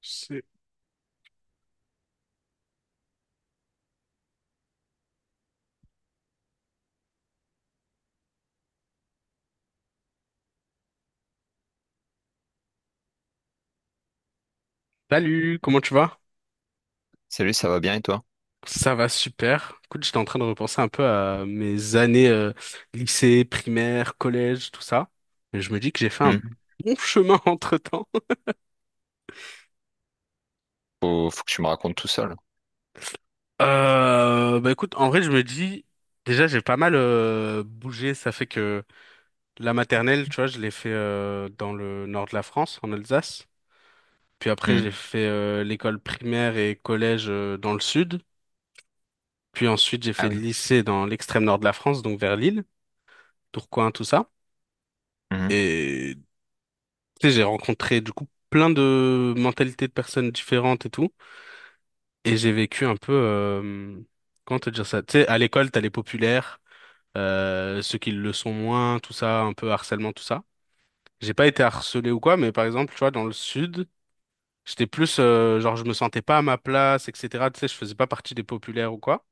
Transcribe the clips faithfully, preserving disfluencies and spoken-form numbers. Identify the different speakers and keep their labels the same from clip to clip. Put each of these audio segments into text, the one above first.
Speaker 1: C'est- Salut, comment tu vas?
Speaker 2: Salut, ça va bien et toi?
Speaker 1: Ça va super. Écoute, j'étais en train de repenser un peu à mes années euh, lycée, primaire, collège, tout ça. Et je me dis que j'ai fait un
Speaker 2: Hmm.
Speaker 1: bon chemin entre-temps.
Speaker 2: Faut, faut que tu me racontes tout ça là.
Speaker 1: Euh, bah écoute, en vrai, je me dis, déjà, j'ai pas mal euh, bougé. Ça fait que la maternelle, tu vois, je l'ai fait euh, dans le nord de la France, en Alsace. Puis après,
Speaker 2: Hmm.
Speaker 1: j'ai fait euh, l'école primaire et collège euh, dans le sud. Puis ensuite, j'ai
Speaker 2: Ah
Speaker 1: fait le
Speaker 2: oui.
Speaker 1: lycée dans l'extrême nord de la France, donc vers Lille, Tourcoing, tout ça.
Speaker 2: Mhm.
Speaker 1: Et tu sais, j'ai rencontré du coup plein de mentalités de personnes différentes et tout. Et j'ai vécu un peu, euh, comment te dire ça? Tu sais, à l'école, t'as les populaires, euh, ceux qui le sont moins, tout ça, un peu harcèlement, tout ça. J'ai pas été harcelé ou quoi, mais par exemple, tu vois, dans le sud, j'étais plus, euh, genre, je me sentais pas à ma place, et cetera. Tu sais, je faisais pas partie des populaires ou quoi.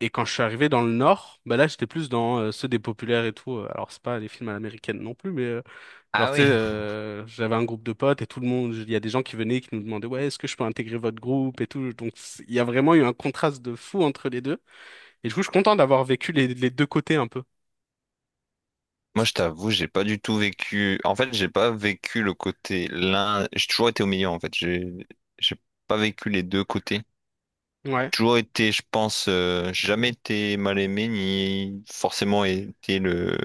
Speaker 1: Et quand je suis arrivé dans le nord, bah là, j'étais plus dans euh, ceux des populaires et tout. Euh, Alors, c'est pas les films à l'américaine non plus, mais euh, genre,
Speaker 2: Ah
Speaker 1: tu sais,
Speaker 2: oui.
Speaker 1: euh, j'avais un groupe de potes et tout le monde, il y a des gens qui venaient qui nous demandaient, ouais, est-ce que je peux intégrer votre groupe et tout. Donc, c'est- il y a vraiment eu un contraste de fou entre les deux. Et du coup, je suis content d'avoir vécu les, les deux côtés un peu.
Speaker 2: Moi, je t'avoue, j'ai pas du tout vécu. En fait, j'ai pas vécu le côté l'un. J'ai toujours été au milieu en fait. J'ai, j'ai pas vécu les deux côtés. J'ai
Speaker 1: Ouais,
Speaker 2: toujours été, je pense, euh, j'ai jamais été mal aimé ni forcément été le,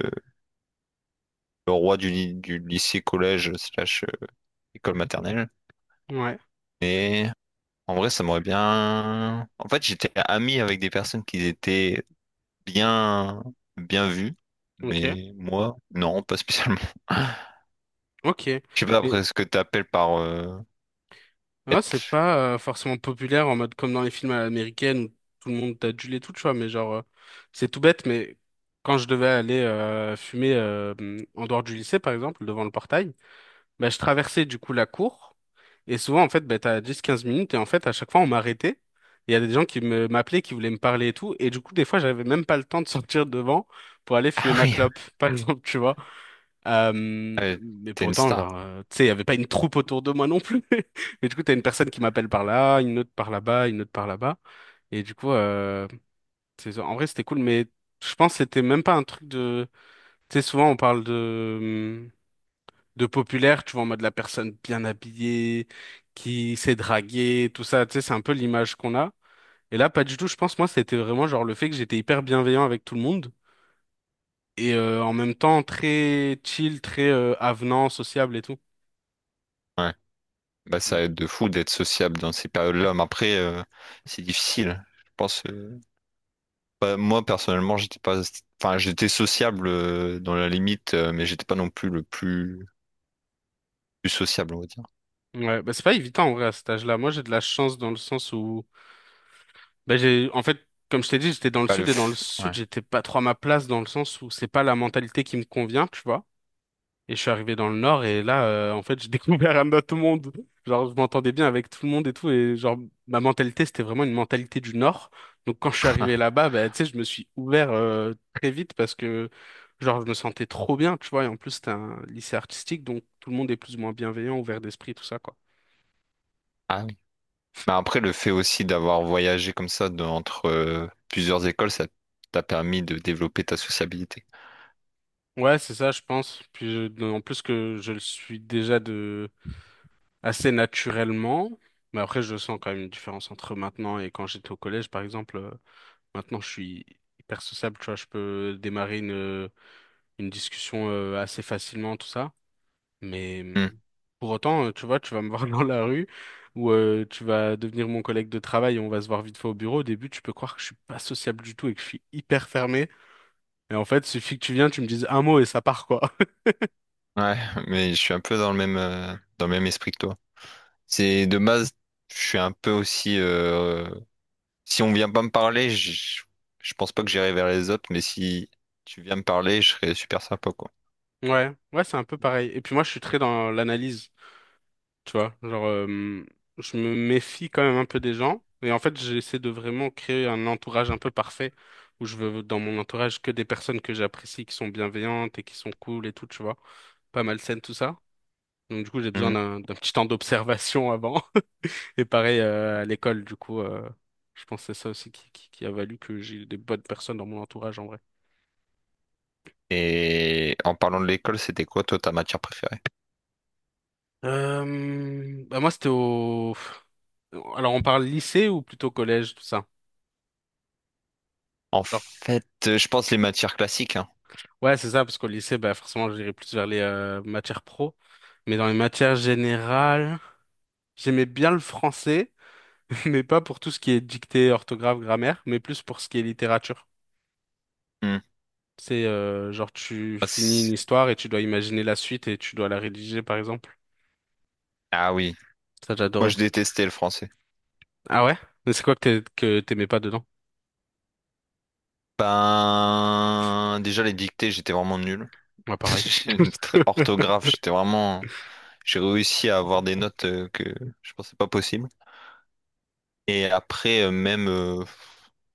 Speaker 2: le roi du, ly- du lycée, collège, slash euh, école maternelle.
Speaker 1: ouais,
Speaker 2: Mais en vrai, ça m'aurait bien. En fait, j'étais ami avec des personnes qui étaient bien, bien vu,
Speaker 1: ok,
Speaker 2: mais moi, non, pas spécialement.
Speaker 1: ok.
Speaker 2: Je sais pas
Speaker 1: Mais
Speaker 2: après ce que t'appelles par euh,
Speaker 1: ouais, c'est
Speaker 2: être.
Speaker 1: pas euh, forcément populaire en mode comme dans les films à l'américaine où tout le monde t'adule et tout, tu vois, mais genre, euh, c'est tout bête, mais quand je devais aller euh, fumer euh, en dehors du lycée, par exemple, devant le portail, bah, je traversais du coup la cour. Et souvent, en fait, bah, t'as dix quinze minutes. Et en fait, à chaque fois, on m'arrêtait. Il y a des gens qui me m'appelaient, qui voulaient me parler et tout. Et du coup, des fois, j'avais même pas le temps de sortir devant pour aller fumer
Speaker 2: Ah
Speaker 1: ma
Speaker 2: oui,
Speaker 1: clope, par exemple, tu vois. Euh,
Speaker 2: euh,
Speaker 1: mais
Speaker 2: t'es une
Speaker 1: pourtant, genre,
Speaker 2: star.
Speaker 1: euh, tu sais, il y avait pas une troupe autour de moi non plus. Mais du coup, t'as une personne qui m'appelle par là, une autre par là-bas, une autre par là-bas. Et du coup, euh, c'est- en vrai, c'était cool. Mais je pense que c'était même pas un truc de... Tu sais, souvent, on parle de de populaire, tu vois, en mode la personne bien habillée, qui s'est draguée, tout ça, tu sais, c'est un peu l'image qu'on a. Et là, pas du tout, je pense, moi, c'était vraiment genre le fait que j'étais hyper bienveillant avec tout le monde et euh, en même temps très chill, très euh, avenant, sociable et tout.
Speaker 2: Ouais. Bah ça aide de fou d'être sociable dans ces périodes-là, mais après euh, c'est difficile. Je pense. euh, bah, moi personnellement, j'étais pas. Enfin, j'étais sociable euh, dans la limite, euh, mais j'étais pas non plus le plus, plus sociable, on va dire.
Speaker 1: Ouais, bah c'est pas évident en vrai à cet âge-là. Moi, j'ai de la chance dans le sens où, bah j'ai, en fait, comme je t'ai dit, j'étais dans le
Speaker 2: Pas le.
Speaker 1: sud et dans le
Speaker 2: f- Ouais.
Speaker 1: sud, j'étais pas trop à ma place dans le sens où c'est pas la mentalité qui me convient, tu vois. Et je suis arrivé dans le Nord et là, euh, en fait, j'ai découvert un autre monde. Genre, je m'entendais bien avec tout le monde et tout. Et genre, ma mentalité, c'était vraiment une mentalité du Nord. Donc, quand je suis arrivé là-bas, bah, tu sais, je me suis ouvert euh, très vite parce que, genre, je me sentais trop bien, tu vois. Et en plus, c'était un lycée artistique, donc tout le monde est plus ou moins bienveillant, ouvert d'esprit, tout ça, quoi.
Speaker 2: Ah oui. Mais après, le fait aussi d'avoir voyagé comme ça de- entre euh, plusieurs écoles, ça t'a permis de développer ta sociabilité.
Speaker 1: Ouais, c'est ça, je pense. Puis, je- en plus que je le suis déjà de assez naturellement. Mais après, je sens quand même une différence entre maintenant et quand j'étais au collège, par exemple. euh, Maintenant, je suis hyper sociable, tu vois, je peux démarrer une, une discussion euh, assez facilement, tout ça. Mais
Speaker 2: Hmm.
Speaker 1: hum, pour autant, euh, tu vois, tu vas me voir dans la rue ou euh, tu vas devenir mon collègue de travail et on va se voir vite fait au bureau. Au début, tu peux croire que je suis pas sociable du tout et que je suis hyper fermé. Et en fait, suffit que tu viennes, tu me dises un mot et ça part, quoi.
Speaker 2: Ouais, mais je suis un peu dans le même, euh, dans le même esprit que toi. C'est de base, je suis un peu aussi. euh, si on vient pas me parler, je, je pense pas que j'irai vers les autres, mais si tu viens me parler, je serais super sympa, quoi.
Speaker 1: Ouais, ouais, c'est un peu pareil. Et puis moi, je suis très dans l'analyse. Tu vois, genre, euh, je me méfie quand même un peu des gens. Et en fait, j'essaie de vraiment créer un entourage un peu parfait où je veux dans mon entourage que des personnes que j'apprécie, qui sont bienveillantes et qui sont cool et tout, tu vois. Pas malsaines, tout ça. Donc, du coup, j'ai besoin
Speaker 2: Mhm.
Speaker 1: d'un d'un petit temps d'observation avant. Et pareil, euh, à l'école, du coup, euh, je pense que c'est ça aussi qui, qui, qui a valu que j'ai des bonnes personnes dans mon entourage en vrai.
Speaker 2: Et en parlant de l'école, c'était quoi, toi, ta matière préférée?
Speaker 1: Euh, bah moi, c'était au. Alors, on parle lycée ou plutôt collège, tout ça?
Speaker 2: En fait, euh, je pense les matières classiques, hein.
Speaker 1: Ouais, c'est ça, parce qu'au lycée, bah, forcément, j'irais plus vers les euh, matières pro. Mais dans les matières générales, j'aimais bien le français, mais pas pour tout ce qui est dictée, orthographe, grammaire, mais plus pour ce qui est littérature.
Speaker 2: Hmm.
Speaker 1: C'est euh, genre, tu
Speaker 2: Ah
Speaker 1: finis une
Speaker 2: c'est-
Speaker 1: histoire et tu dois imaginer la suite et tu dois la rédiger, par exemple.
Speaker 2: ah oui,
Speaker 1: Ça,
Speaker 2: moi
Speaker 1: j'adorais.
Speaker 2: je détestais le français.
Speaker 1: Ah ouais? Mais c'est quoi que t'ai- que t'aimais pas dedans?
Speaker 2: Ben, déjà les dictées, j'étais vraiment nul.
Speaker 1: Moi, pareil.
Speaker 2: J'ai une tr- orthographe, j'étais vraiment. J'ai réussi à avoir des notes euh, que je pensais pas possible. Et après, euh, même, euh,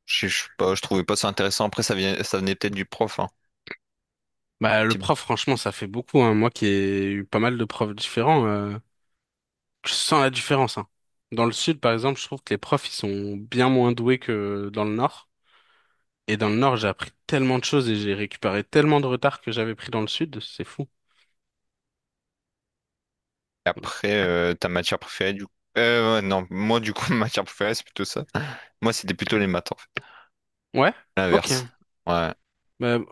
Speaker 2: je je sais pas, je trouvais pas ça intéressant. Après, ça vient- ça venait peut-être du prof, hein.
Speaker 1: Bah, le prof, franchement, ça fait beaucoup, hein. Moi qui ai eu pas mal de profs différents. euh, Je sens la différence, hein. Dans le sud, par exemple, je trouve que les profs, ils sont bien moins doués que dans le nord. Et dans le nord, j'ai appris tellement de choses et j'ai récupéré tellement de retard que j'avais pris dans le sud, c'est fou.
Speaker 2: Après, euh, ta matière préférée, du coup. Euh, ouais, non, moi, du coup, ma matière préférée, c'est plutôt ça. Moi, c'était plutôt les maths, en fait.
Speaker 1: Ouais? Ok.
Speaker 2: L'inverse. Ouais.
Speaker 1: Bah,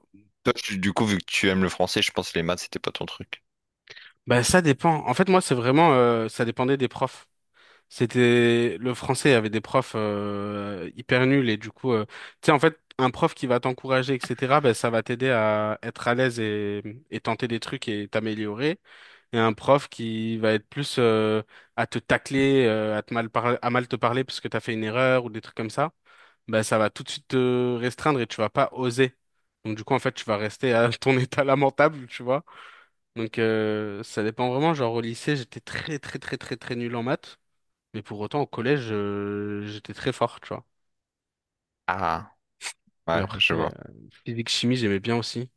Speaker 2: Toi, tu- du coup, vu que tu aimes le français, je pense que les maths, c'était pas ton truc.
Speaker 1: bah, ça dépend. En fait, moi, c'est vraiment, euh, ça dépendait des profs. C'était, le français avait des profs euh, hyper nuls et du coup, euh, tu sais, en fait, un prof qui va t'encourager, et cetera, bah, ça va t'aider à être à l'aise et, et tenter des trucs et t'améliorer. Et un prof qui va être plus euh, à te tacler, euh, à te mal parler, à mal te parler parce que t'as fait une erreur ou des trucs comme ça, ben ça va tout de suite te restreindre et tu vas pas oser. Donc du coup en fait tu vas rester à ton état lamentable, tu vois. Donc euh, ça dépend vraiment. Genre au lycée j'étais très très très très très nul en maths, mais pour autant au collège euh, j'étais très fort, tu vois.
Speaker 2: Ah,
Speaker 1: Et
Speaker 2: ouais,
Speaker 1: après
Speaker 2: je vois.
Speaker 1: euh, physique chimie j'aimais bien aussi.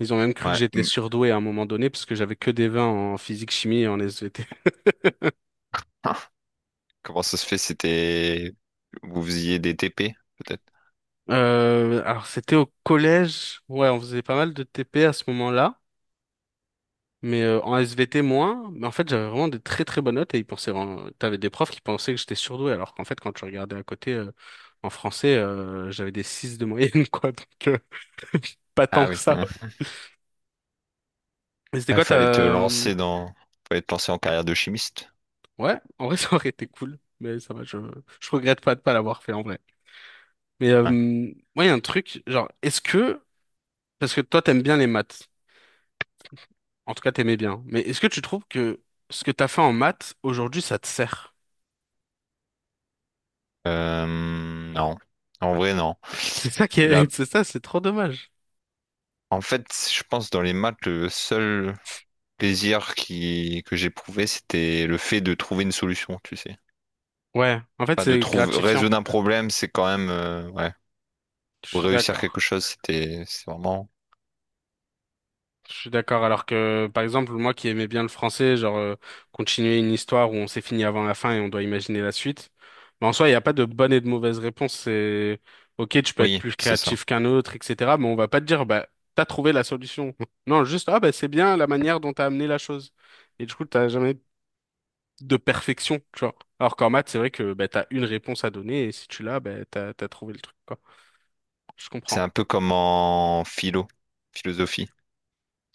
Speaker 1: Ils ont même cru que
Speaker 2: Ouais.
Speaker 1: j'étais
Speaker 2: Hmm.
Speaker 1: surdoué à un moment donné parce que j'avais que des vingt en physique chimie et en S V T.
Speaker 2: Ah, comment ça se fait? C'était. Vous faisiez des T P, peut-être?
Speaker 1: Euh, alors c'était au collège, ouais, on faisait pas mal de T P à ce moment-là, mais euh, en S V T moins. Mais en fait, j'avais vraiment des très très bonnes notes et ils pensaient, vraiment- t'avais des profs qui pensaient que j'étais surdoué, alors qu'en fait, quand tu regardais à côté euh, en français, euh, j'avais des six de moyenne, quoi, donc euh, pas tant
Speaker 2: Ah
Speaker 1: que
Speaker 2: oui.
Speaker 1: ça.
Speaker 2: Ouais.
Speaker 1: Mais c'était
Speaker 2: Il
Speaker 1: quoi ta...
Speaker 2: fallait te
Speaker 1: euh,
Speaker 2: lancer dans, fallait te lancer en carrière de chimiste.
Speaker 1: Ouais, en vrai, ça aurait été cool, mais ça va, je, je regrette pas de pas l'avoir fait en vrai. Mais euh,
Speaker 2: Ouais.
Speaker 1: ouais, il y a un truc, genre, est-ce que... Parce que toi, t'aimes bien les maths. En tout cas, t'aimais bien. Mais est-ce que tu trouves que ce que t'as fait en maths, aujourd'hui, ça te sert?
Speaker 2: Euh, non, en vrai non.
Speaker 1: C'est ça qui
Speaker 2: Là,
Speaker 1: est, c'est ça, c'est trop dommage.
Speaker 2: en fait, je pense dans les maths, le seul plaisir qui que j'éprouvais, c'était le fait de trouver une solution, tu sais.
Speaker 1: Ouais, en fait,
Speaker 2: Enfin, de
Speaker 1: c'est
Speaker 2: trouver
Speaker 1: gratifiant.
Speaker 2: résoudre un problème, c'est quand même euh, ouais.
Speaker 1: Je
Speaker 2: Ou
Speaker 1: suis
Speaker 2: réussir quelque
Speaker 1: d'accord.
Speaker 2: chose, c'était c'est vraiment.
Speaker 1: Je suis d'accord. Alors que, par exemple, moi qui aimais bien le français, genre, euh, continuer une histoire où on s'est fini avant la fin et on doit imaginer la suite. Mais en soi, il n'y a pas de bonne et de mauvaise réponse. C'est, ok, tu peux être
Speaker 2: Oui,
Speaker 1: plus
Speaker 2: c'est ça.
Speaker 1: créatif qu'un autre, et cetera. Mais on va pas te dire, bah, t'as trouvé la solution. Non, juste, ah, bah, c'est bien la manière dont t'as amené la chose. Et du coup, t'as jamais de perfection, tu vois. Alors qu'en maths, c'est vrai que bah, t'as une réponse à donner et si tu l'as, bah, t'as, t'as trouvé le truc, quoi. Je
Speaker 2: C'est
Speaker 1: comprends.
Speaker 2: un peu comme en philo, philosophie.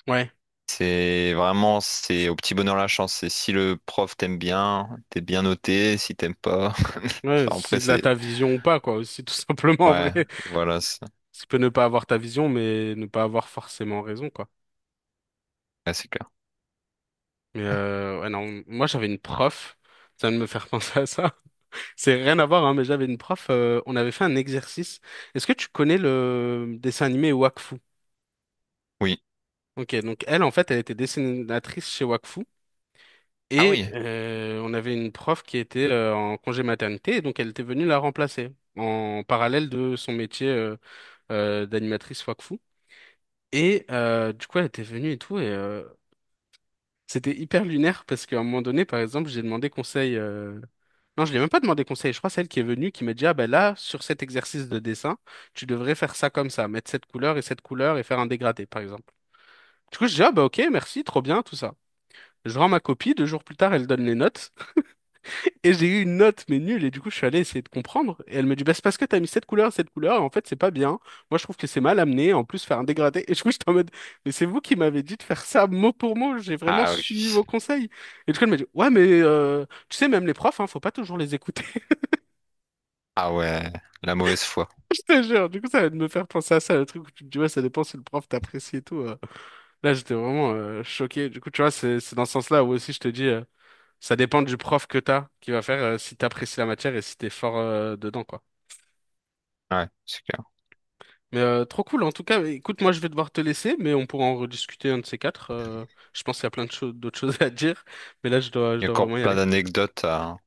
Speaker 1: Ouais.
Speaker 2: C'est vraiment, c'est au petit bonheur la chance. C'est si le prof t'aime bien, t'es bien noté, si t'aimes pas.
Speaker 1: Ouais,
Speaker 2: Enfin, après,
Speaker 1: c'est de la
Speaker 2: c'est.
Speaker 1: ta vision ou pas, quoi, aussi, tout simplement, en vrai.
Speaker 2: Ouais, voilà, c'est
Speaker 1: Tu peux ne pas avoir ta vision, mais ne pas avoir forcément raison, quoi.
Speaker 2: ouais, c'est clair.
Speaker 1: Mais euh, ouais, non, moi, j'avais une prof, ça vient de me faire penser à ça. C'est rien à voir, hein, mais j'avais une prof, euh, on avait fait un exercice. Est-ce que tu connais le dessin animé Wakfu?
Speaker 2: Oui.
Speaker 1: Ok, donc elle, en fait, elle était dessinatrice chez Wakfu.
Speaker 2: Ah
Speaker 1: Et
Speaker 2: oui.
Speaker 1: euh, on avait une prof qui était euh, en congé maternité, et donc elle était venue la remplacer en parallèle de son métier euh, euh, d'animatrice Wakfu. Et euh, du coup, elle était venue et tout, et euh, c'était hyper lunaire parce qu'à un moment donné, par exemple, j'ai demandé conseil. euh, Non, je lui ai même pas demandé conseil. Je crois que c'est elle qui est venue qui m'a dit, ah ben là, sur cet exercice de dessin, tu devrais faire ça comme ça, mettre cette couleur et cette couleur et faire un dégradé, par exemple. Du coup, je dis, ah bah ok, merci, trop bien, tout ça. Je rends ma copie, deux jours plus tard, elle donne les notes. Et j'ai eu une note, mais nulle, et du coup, je suis allé essayer de comprendre. Et elle me dit, bah, c'est parce que t'as mis cette couleur, cette couleur, et en fait, c'est pas bien. Moi, je trouve que c'est mal amené, en plus, faire un dégradé. Et du coup, j'étais en mode, mais c'est vous qui m'avez dit de faire ça mot pour mot, j'ai vraiment
Speaker 2: Ah oui.
Speaker 1: suivi vos conseils. Et du coup, elle m'a dit, ouais, mais euh, tu sais, même les profs, hein, faut pas toujours les écouter.
Speaker 2: Ah ouais, la mauvaise foi.
Speaker 1: Je te jure, du coup, ça va me faire penser à ça, le truc où tu te dis, ouais, ça dépend si le prof t'apprécie et tout. euh. Là, j'étais vraiment euh, choqué. Du coup, tu vois, c'est c'est dans ce sens-là où aussi, je te dis, euh, ça dépend du prof que t'as, qui va faire euh, si t'apprécies la matière et si t'es fort euh, dedans, quoi.
Speaker 2: Ouais, c'est clair.
Speaker 1: Mais euh, trop cool en tout cas. Écoute, moi je vais devoir te laisser, mais on pourra en rediscuter un de ces quatre. Euh, je pense qu'il y a plein de choses, d'autres choses à dire, mais là je dois, je
Speaker 2: Il y a
Speaker 1: dois
Speaker 2: encore
Speaker 1: vraiment y
Speaker 2: plein
Speaker 1: aller.
Speaker 2: d'anecdotes à,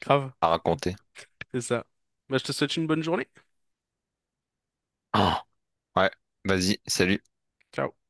Speaker 1: Grave,
Speaker 2: à raconter.
Speaker 1: c'est ça. Bah, je te souhaite une bonne journée.
Speaker 2: Ah, ouais, vas-y, salut.
Speaker 1: Ciao.